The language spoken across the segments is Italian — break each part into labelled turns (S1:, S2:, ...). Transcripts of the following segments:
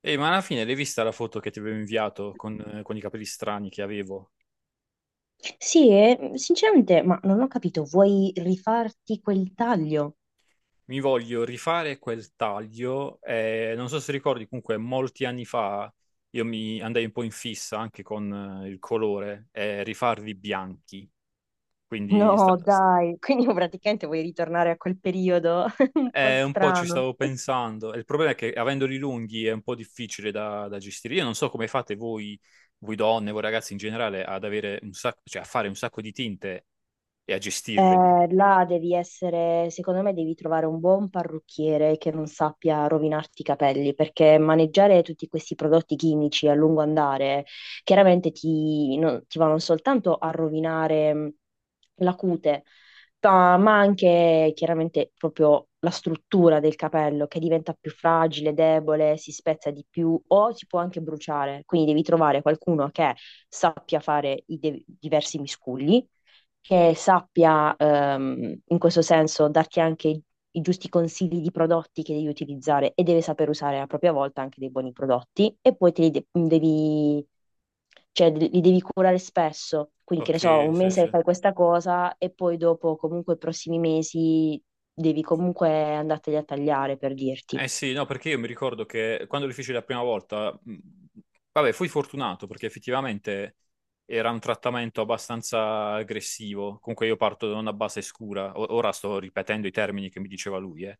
S1: E ma alla fine l'hai vista la foto che ti avevo inviato con i capelli strani che avevo?
S2: Sì, e sinceramente, ma non ho capito, vuoi rifarti quel taglio?
S1: Mi voglio rifare quel taglio. Non so se ricordi, comunque molti anni fa io mi andai un po' in fissa anche con il colore, e rifarli bianchi. Quindi sta-
S2: No,
S1: s-
S2: dai, quindi praticamente vuoi ritornare a quel periodo un po'
S1: un po' ci
S2: strano.
S1: stavo pensando. E il problema è che avendoli lunghi è un po' difficile da gestire. Io non so come fate voi, voi donne, voi ragazzi in generale, ad avere un sacco, cioè a fare un sacco di tinte e a gestirveli.
S2: Là devi essere, secondo me devi trovare un buon parrucchiere che non sappia rovinarti i capelli, perché maneggiare tutti questi prodotti chimici a lungo andare chiaramente ti, no- ti vanno soltanto a rovinare la cute, ma anche chiaramente proprio la struttura del capello che diventa più fragile, debole, si spezza di più o si può anche bruciare. Quindi devi trovare qualcuno che sappia fare i diversi miscugli che sappia in questo senso darti anche i giusti consigli di prodotti che devi utilizzare e deve saper usare a propria volta anche dei buoni prodotti e poi te li de- mm, devi, cioè, de- li devi curare spesso. Quindi, che ne so,
S1: Ok,
S2: un
S1: sì,
S2: mese
S1: sì.
S2: fai questa cosa e poi dopo, comunque, i prossimi mesi devi comunque andarteli a tagliare per dirti.
S1: Eh sì, no, perché io mi ricordo che quando lo feci la prima volta, vabbè, fui fortunato perché effettivamente era un trattamento abbastanza aggressivo. Comunque io parto da una base scura. Ora sto ripetendo i termini che mi diceva lui, eh.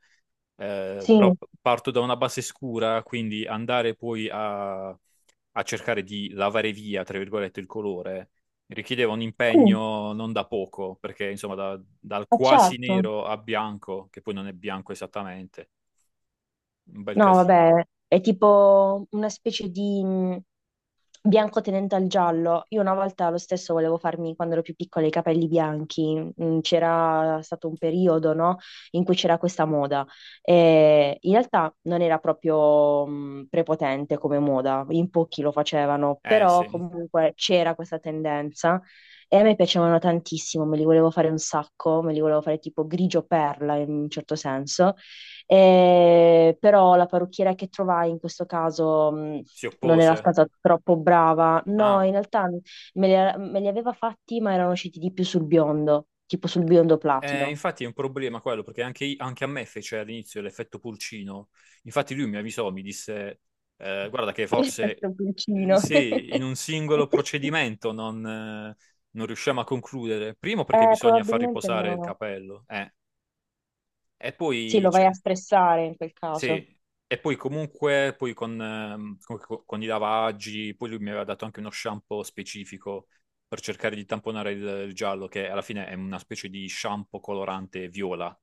S2: Sì,
S1: Però parto da una base scura, quindi andare poi a cercare di lavare via, tra virgolette, il colore richiedeva un
S2: sì,
S1: impegno non da poco, perché insomma dal
S2: ma
S1: quasi
S2: certo.
S1: nero a bianco, che poi non è bianco esattamente, un bel
S2: No,
S1: casino.
S2: vabbè, è tipo una specie di, bianco tenente al giallo. Io una volta lo stesso volevo farmi, quando ero più piccola, i capelli bianchi. C'era stato un periodo, no, in cui c'era questa moda. E in realtà non era proprio prepotente come moda, in pochi lo facevano,
S1: Eh
S2: però
S1: sì,
S2: comunque c'era questa tendenza. E a me piacevano tantissimo, me li volevo fare un sacco, me li volevo fare tipo grigio perla in un certo senso. Però la parrucchiera che trovai in questo caso,
S1: si
S2: non era
S1: oppose.
S2: stata troppo brava. No,
S1: Ah,
S2: in realtà me li aveva fatti, ma erano usciti di più sul biondo, tipo sul biondo platino.
S1: infatti è un problema quello, perché anche, anche a me fece all'inizio l'effetto pulcino. Infatti lui mi avvisò, mi disse, guarda che forse
S2: L'effetto pulcino.
S1: sì, in un singolo procedimento non riusciamo a concludere. Primo perché bisogna far
S2: Probabilmente
S1: riposare il
S2: no.
S1: capello, e
S2: Sì,
S1: poi
S2: lo vai a
S1: cioè,
S2: stressare in quel caso.
S1: sì, e poi comunque poi con i lavaggi, poi lui mi aveva dato anche uno shampoo specifico per cercare di tamponare il giallo, che alla fine è una specie di shampoo colorante viola.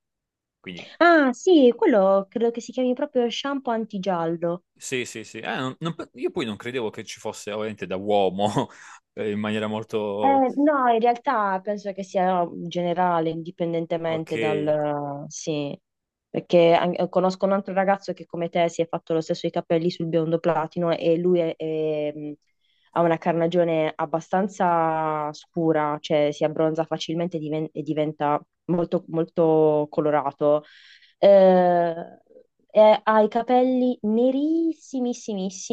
S1: Quindi
S2: Ah, sì, quello credo che si chiami proprio shampoo antigiallo.
S1: sì, sì, sì. Io poi non credevo che ci fosse ovviamente da uomo in maniera molto...
S2: No, in realtà penso che sia generale,
S1: Ok.
S2: indipendentemente dal... Sì, perché conosco un altro ragazzo che come te si è fatto lo stesso i capelli sul biondo platino e lui è, ha una carnagione abbastanza scura, cioè si abbronza facilmente e diventa molto, molto colorato. Eh, ha i capelli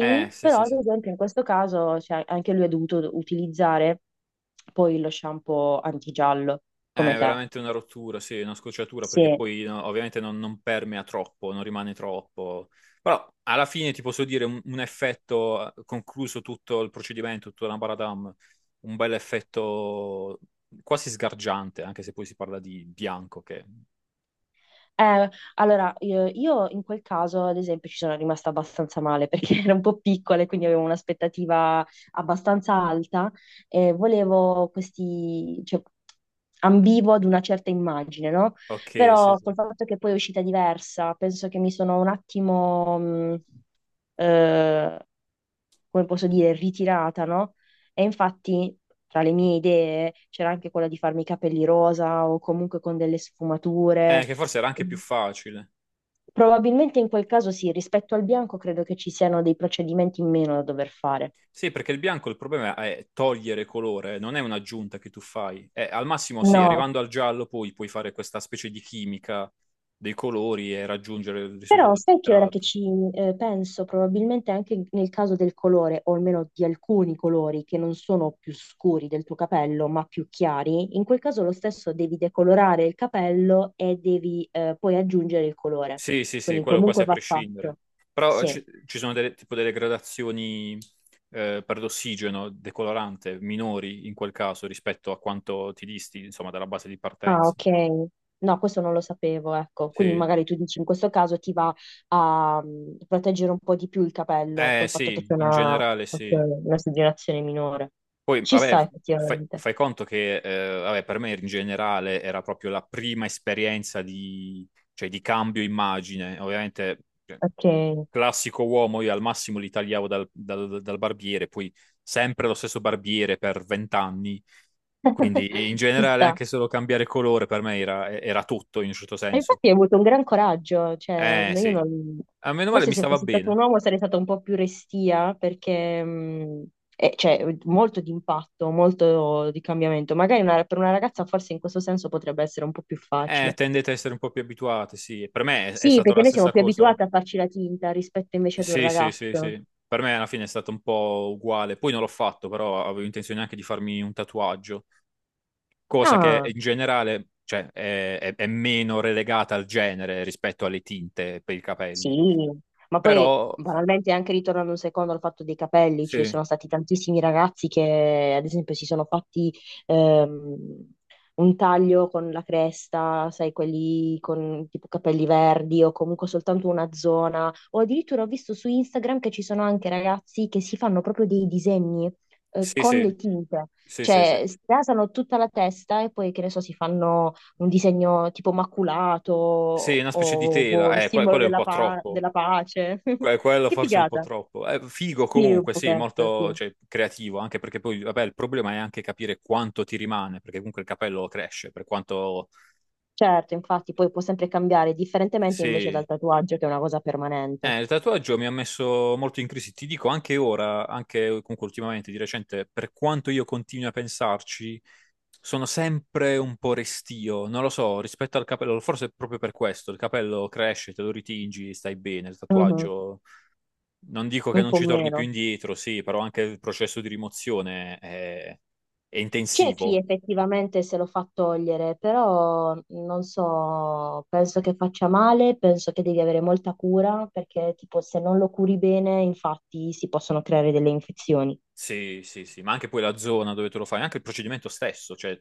S1: Sì,
S2: però
S1: sì,
S2: ad
S1: sì.
S2: esempio in questo caso cioè, anche lui ha dovuto utilizzare poi lo shampoo antigiallo,
S1: È
S2: come te.
S1: veramente una rottura, sì, una scocciatura, perché
S2: Sì.
S1: poi no, ovviamente non, non permea troppo, non rimane troppo. Però alla fine ti posso dire un effetto, concluso tutto il procedimento, tutta la Baradam, un bel effetto quasi sgargiante, anche se poi si parla di bianco, che...
S2: Eh, allora, io in quel caso, ad esempio, ci sono rimasta abbastanza male perché ero un po' piccola e quindi avevo un'aspettativa abbastanza alta e volevo questi, cioè, ambivo ad una certa immagine, no?
S1: Ok, sì,
S2: Però
S1: sì.
S2: col fatto che poi è uscita diversa, penso che mi sono un attimo, eh, come posso dire, ritirata, no? E infatti tra le mie idee c'era anche quella di farmi i capelli rosa o comunque con delle sfumature.
S1: Che forse era anche più facile.
S2: Probabilmente in quel caso sì, rispetto al bianco credo che ci siano dei procedimenti in meno da dover fare.
S1: Sì, perché il bianco il problema è togliere colore, non è un'aggiunta che tu fai. Al massimo sì,
S2: No,
S1: arrivando al giallo poi puoi fare questa specie di chimica dei colori e raggiungere il
S2: però
S1: risultato
S2: sai che ora che
S1: desiderato.
S2: ci penso, probabilmente anche nel caso del colore, o almeno di alcuni colori che non sono più scuri del tuo capello, ma più chiari, in quel caso lo stesso devi decolorare il capello e devi poi aggiungere il colore.
S1: Sì, sì, sì,
S2: Quindi
S1: quello quasi
S2: comunque
S1: a
S2: va
S1: prescindere.
S2: fatto.
S1: Però
S2: Sì.
S1: ci sono delle, tipo delle gradazioni per l'ossigeno decolorante minori in quel caso rispetto a quanto ti disti, insomma, dalla base di
S2: Ah,
S1: partenza.
S2: ok. No, questo non lo sapevo, ecco. Quindi
S1: Sì.
S2: magari tu dici in questo caso ti va a proteggere un po' di più il capello
S1: Eh
S2: col fatto che
S1: sì,
S2: c'è
S1: in
S2: una,
S1: generale
S2: ok,
S1: sì.
S2: una esogerazione minore.
S1: Poi,
S2: Ci sta
S1: vabbè,
S2: effettivamente.
S1: fai conto che, vabbè, per me in generale era proprio la prima esperienza di, cioè, di cambio immagine. Ovviamente, cioè,
S2: Ok.
S1: classico uomo, io al massimo li tagliavo dal barbiere, poi sempre lo stesso barbiere per vent'anni. Quindi, in
S2: Ci
S1: generale,
S2: sta.
S1: anche solo cambiare colore per me era, era tutto, in un certo
S2: E
S1: senso.
S2: infatti hai avuto un gran coraggio, cioè no, io
S1: Sì.
S2: non...
S1: A meno male
S2: Forse
S1: mi
S2: se
S1: stava
S2: fossi stato
S1: bene.
S2: un uomo sarei stata un po' più restia perché c'è molto di impatto, molto di cambiamento. Magari per una ragazza forse in questo senso potrebbe essere un po' più facile.
S1: Tendete a essere un po' più abituati, sì. Per me è
S2: Sì,
S1: stata
S2: perché
S1: la
S2: noi siamo
S1: stessa
S2: più
S1: cosa.
S2: abituati a farci la tinta rispetto invece ad un
S1: Sì, sì, sì,
S2: ragazzo.
S1: sì. Per me alla fine è stato un po' uguale. Poi non l'ho fatto, però avevo intenzione anche di farmi un tatuaggio, cosa che
S2: Ah,
S1: in generale, cioè, è meno relegata al genere rispetto alle tinte per i capelli.
S2: sì, ma poi
S1: Però,
S2: banalmente anche ritornando un secondo al fatto dei capelli, ci
S1: sì,
S2: sono stati tantissimi ragazzi che ad esempio si sono fatti ehm, un taglio con la cresta, sai, quelli con tipo capelli verdi o comunque soltanto una zona, o addirittura ho visto su Instagram che ci sono anche ragazzi che si fanno proprio dei disegni
S1: sì,
S2: con
S1: sì,
S2: le tinte,
S1: sì, sì, sì.
S2: cioè si rasano tutta la testa e poi che ne so, si fanno un disegno tipo maculato
S1: Sì, una specie di
S2: o boh,
S1: tela.
S2: il simbolo
S1: Quello è un po' troppo.
S2: della pace.
S1: Quello
S2: Che
S1: forse è un po'
S2: figata!
S1: troppo. Figo
S2: Sì, un
S1: comunque, sì,
S2: pochetto,
S1: molto,
S2: sì.
S1: cioè, creativo, anche perché poi, vabbè, il problema è anche capire quanto ti rimane, perché comunque il capello cresce, per quanto...
S2: Certo, infatti, poi può sempre cambiare, differentemente invece
S1: Sì,
S2: dal tatuaggio, che è una cosa permanente.
S1: eh, il tatuaggio mi ha messo molto in crisi, ti dico anche ora, anche comunque ultimamente, di recente, per quanto io continui a pensarci, sono sempre un po' restio, non lo so, rispetto al capello, forse è proprio per questo, il capello cresce, te lo ritingi, stai bene, il
S2: Mhm.
S1: tatuaggio, non dico che
S2: Un
S1: non
S2: po'
S1: ci torni più
S2: meno.
S1: indietro, sì, però anche il processo di rimozione è
S2: C'è chi
S1: intensivo.
S2: effettivamente se lo fa togliere, però non so, penso che faccia male, penso che devi avere molta cura, perché tipo se non lo curi bene, infatti si possono creare delle infezioni.
S1: Sì, sì, sì, ma anche poi la zona dove te lo fai, anche il procedimento stesso, cioè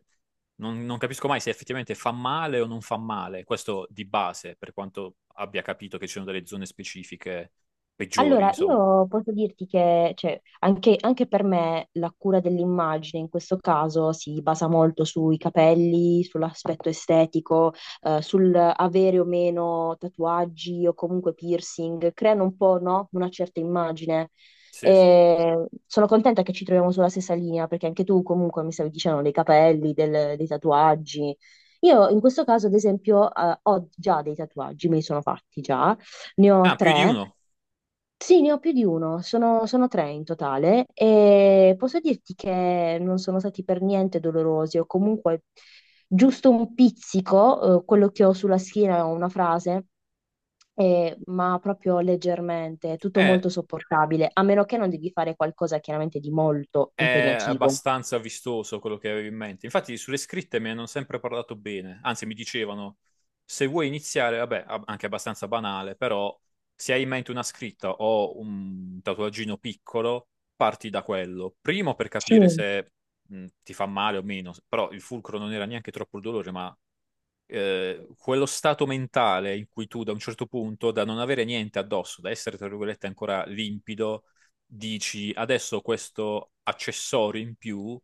S1: non capisco mai se effettivamente fa male o non fa male, questo di base, per quanto abbia capito che ci sono delle zone specifiche peggiori,
S2: Allora,
S1: insomma.
S2: io posso dirti che cioè, anche, anche per me la cura dell'immagine in questo caso si basa molto sui capelli, sull'aspetto estetico, sul avere o meno tatuaggi o comunque piercing, creano un po', no? Una certa immagine.
S1: Sì, sì.
S2: E sono contenta che ci troviamo sulla stessa linea, perché anche tu comunque mi stavi dicendo dei capelli, dei tatuaggi. Io in questo caso, ad esempio, ho già dei tatuaggi, me li sono fatti già, ne ho
S1: Ah, più di
S2: tre.
S1: uno.
S2: Sì, ne ho più di uno, sono tre in totale e posso dirti che non sono stati per niente dolorosi o comunque giusto un pizzico, quello che ho sulla schiena è una frase, ma proprio leggermente, tutto
S1: Eh,
S2: molto sopportabile, a meno che non devi fare qualcosa chiaramente di molto
S1: È
S2: impegnativo.
S1: abbastanza vistoso quello che avevo in mente. Infatti, sulle scritte mi hanno sempre parlato bene. Anzi, mi dicevano: se vuoi iniziare, vabbè, anche abbastanza banale, però, se hai in mente una scritta o un tatuaggino piccolo, parti da quello. Primo per
S2: Sì,
S1: capire se ti fa male o meno. Però il fulcro non era neanche troppo il dolore, ma quello stato mentale in cui tu da un certo punto, da non avere niente addosso, da essere tra virgolette ancora limpido, dici adesso questo accessorio in più,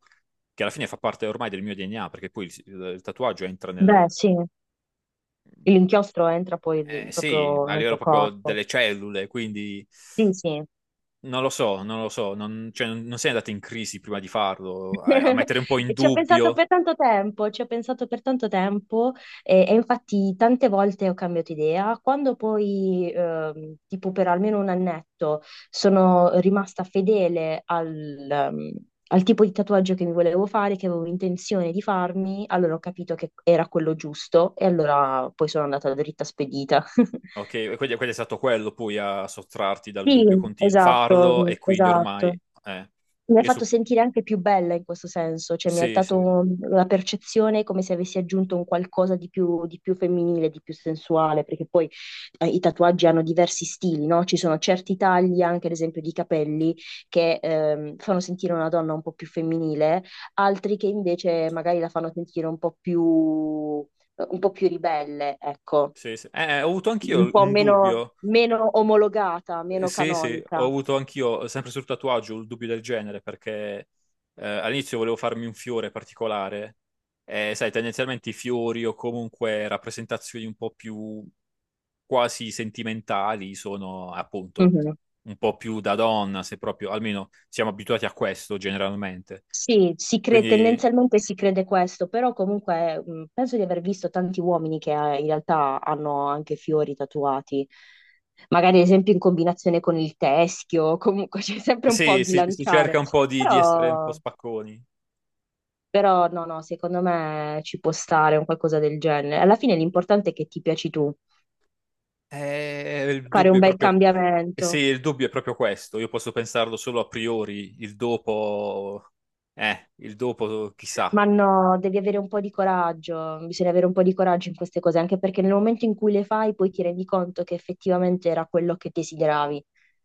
S1: che alla fine fa parte ormai del mio DNA, perché poi il tatuaggio entra
S2: beh,
S1: nel...
S2: sì. L'inchiostro entra
S1: Eh, sì,
S2: proprio
S1: a
S2: nel
S1: livello
S2: tuo
S1: proprio
S2: corpo.
S1: delle cellule, quindi...
S2: Sì, sì.
S1: Non lo so, non lo so, non, cioè, non sei andato in crisi prima di farlo, a mettere un po' in
S2: E ci ho pensato
S1: dubbio.
S2: per tanto tempo, ci ho pensato per tanto tempo e infatti tante volte ho cambiato idea. Quando poi, tipo per almeno un annetto, sono rimasta fedele al tipo di tatuaggio che mi volevo fare, che avevo intenzione di farmi, allora ho capito che era quello giusto e allora poi sono andata dritta spedita.
S1: Ok, quindi è stato quello poi a sottrarti dal
S2: Sì,
S1: dubbio continuo, farlo
S2: esatto,
S1: e quindi
S2: esatto.
S1: ormai... Eh,
S2: Mi ha
S1: io
S2: fatto
S1: su...
S2: sentire anche più bella in questo senso, cioè mi ha
S1: Sì, sì,
S2: dato la percezione come se avessi aggiunto un qualcosa di più femminile, di più sensuale, perché poi i tatuaggi hanno diversi stili, no? Ci sono certi tagli, anche ad esempio di capelli, che fanno sentire una donna un po' più femminile, altri che invece magari la fanno sentire un po' più ribelle, ecco,
S1: sì, sì. Eh, ho avuto
S2: un
S1: anch'io
S2: po'
S1: un
S2: meno,
S1: dubbio.
S2: meno omologata, meno
S1: Sì, sì, ho
S2: canonica.
S1: avuto anch'io, sempre sul tatuaggio, un dubbio del genere, perché all'inizio volevo farmi un fiore particolare, e sai, tendenzialmente i fiori o comunque rappresentazioni un po' più quasi sentimentali sono appunto un po' più da donna, se proprio, almeno siamo abituati a questo generalmente.
S2: Sì,
S1: Quindi
S2: tendenzialmente si crede questo, però comunque penso di aver visto tanti uomini che in realtà hanno anche fiori tatuati, magari ad esempio in combinazione con il teschio, comunque c'è sempre un po' a
S1: sì, si cerca
S2: bilanciare,
S1: un po' di essere un po'
S2: però,
S1: spacconi.
S2: però no, no, secondo me ci può stare un qualcosa del genere. Alla fine l'importante è che ti piaci tu,
S1: Il
S2: fare un
S1: dubbio è
S2: bel
S1: proprio... Eh sì,
S2: cambiamento.
S1: il dubbio è proprio questo. Io posso pensarlo solo a priori, il dopo chissà.
S2: Ma no, devi avere un po' di coraggio, bisogna avere un po' di coraggio in queste cose, anche perché nel momento in cui le fai poi ti rendi conto che effettivamente era quello che desideravi.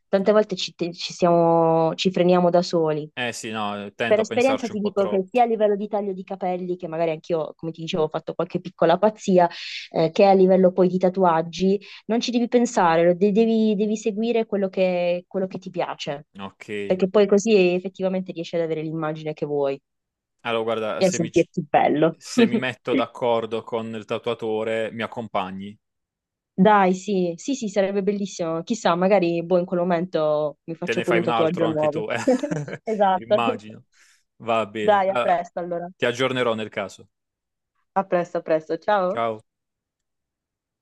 S2: Tante volte ci siamo, ci freniamo da soli.
S1: Eh sì, no, tendo
S2: Per
S1: a
S2: esperienza
S1: pensarci un
S2: ti
S1: po'
S2: dico che
S1: troppo.
S2: sia a livello di taglio di capelli, che magari anch'io, come ti dicevo, ho fatto qualche piccola pazzia, che a livello poi di tatuaggi, non ci devi pensare, devi seguire quello che ti piace,
S1: Ok.
S2: perché poi così effettivamente riesci ad avere l'immagine che vuoi
S1: Allora, guarda,
S2: e sentirti bello.
S1: se mi metto d'accordo con il tatuatore, mi accompagni.
S2: Dai, sì, sì, sì, sarebbe bellissimo. Chissà, magari boh, in quel momento mi
S1: Te
S2: faccio
S1: ne
S2: pure
S1: fai
S2: un
S1: un altro
S2: tatuaggio
S1: anche
S2: nuovo.
S1: tu, eh?
S2: Esatto.
S1: Immagino. Va bene.
S2: Dai, a
S1: Allora,
S2: presto allora.
S1: ti aggiornerò nel caso.
S2: A presto, a presto. Ciao.
S1: Ciao.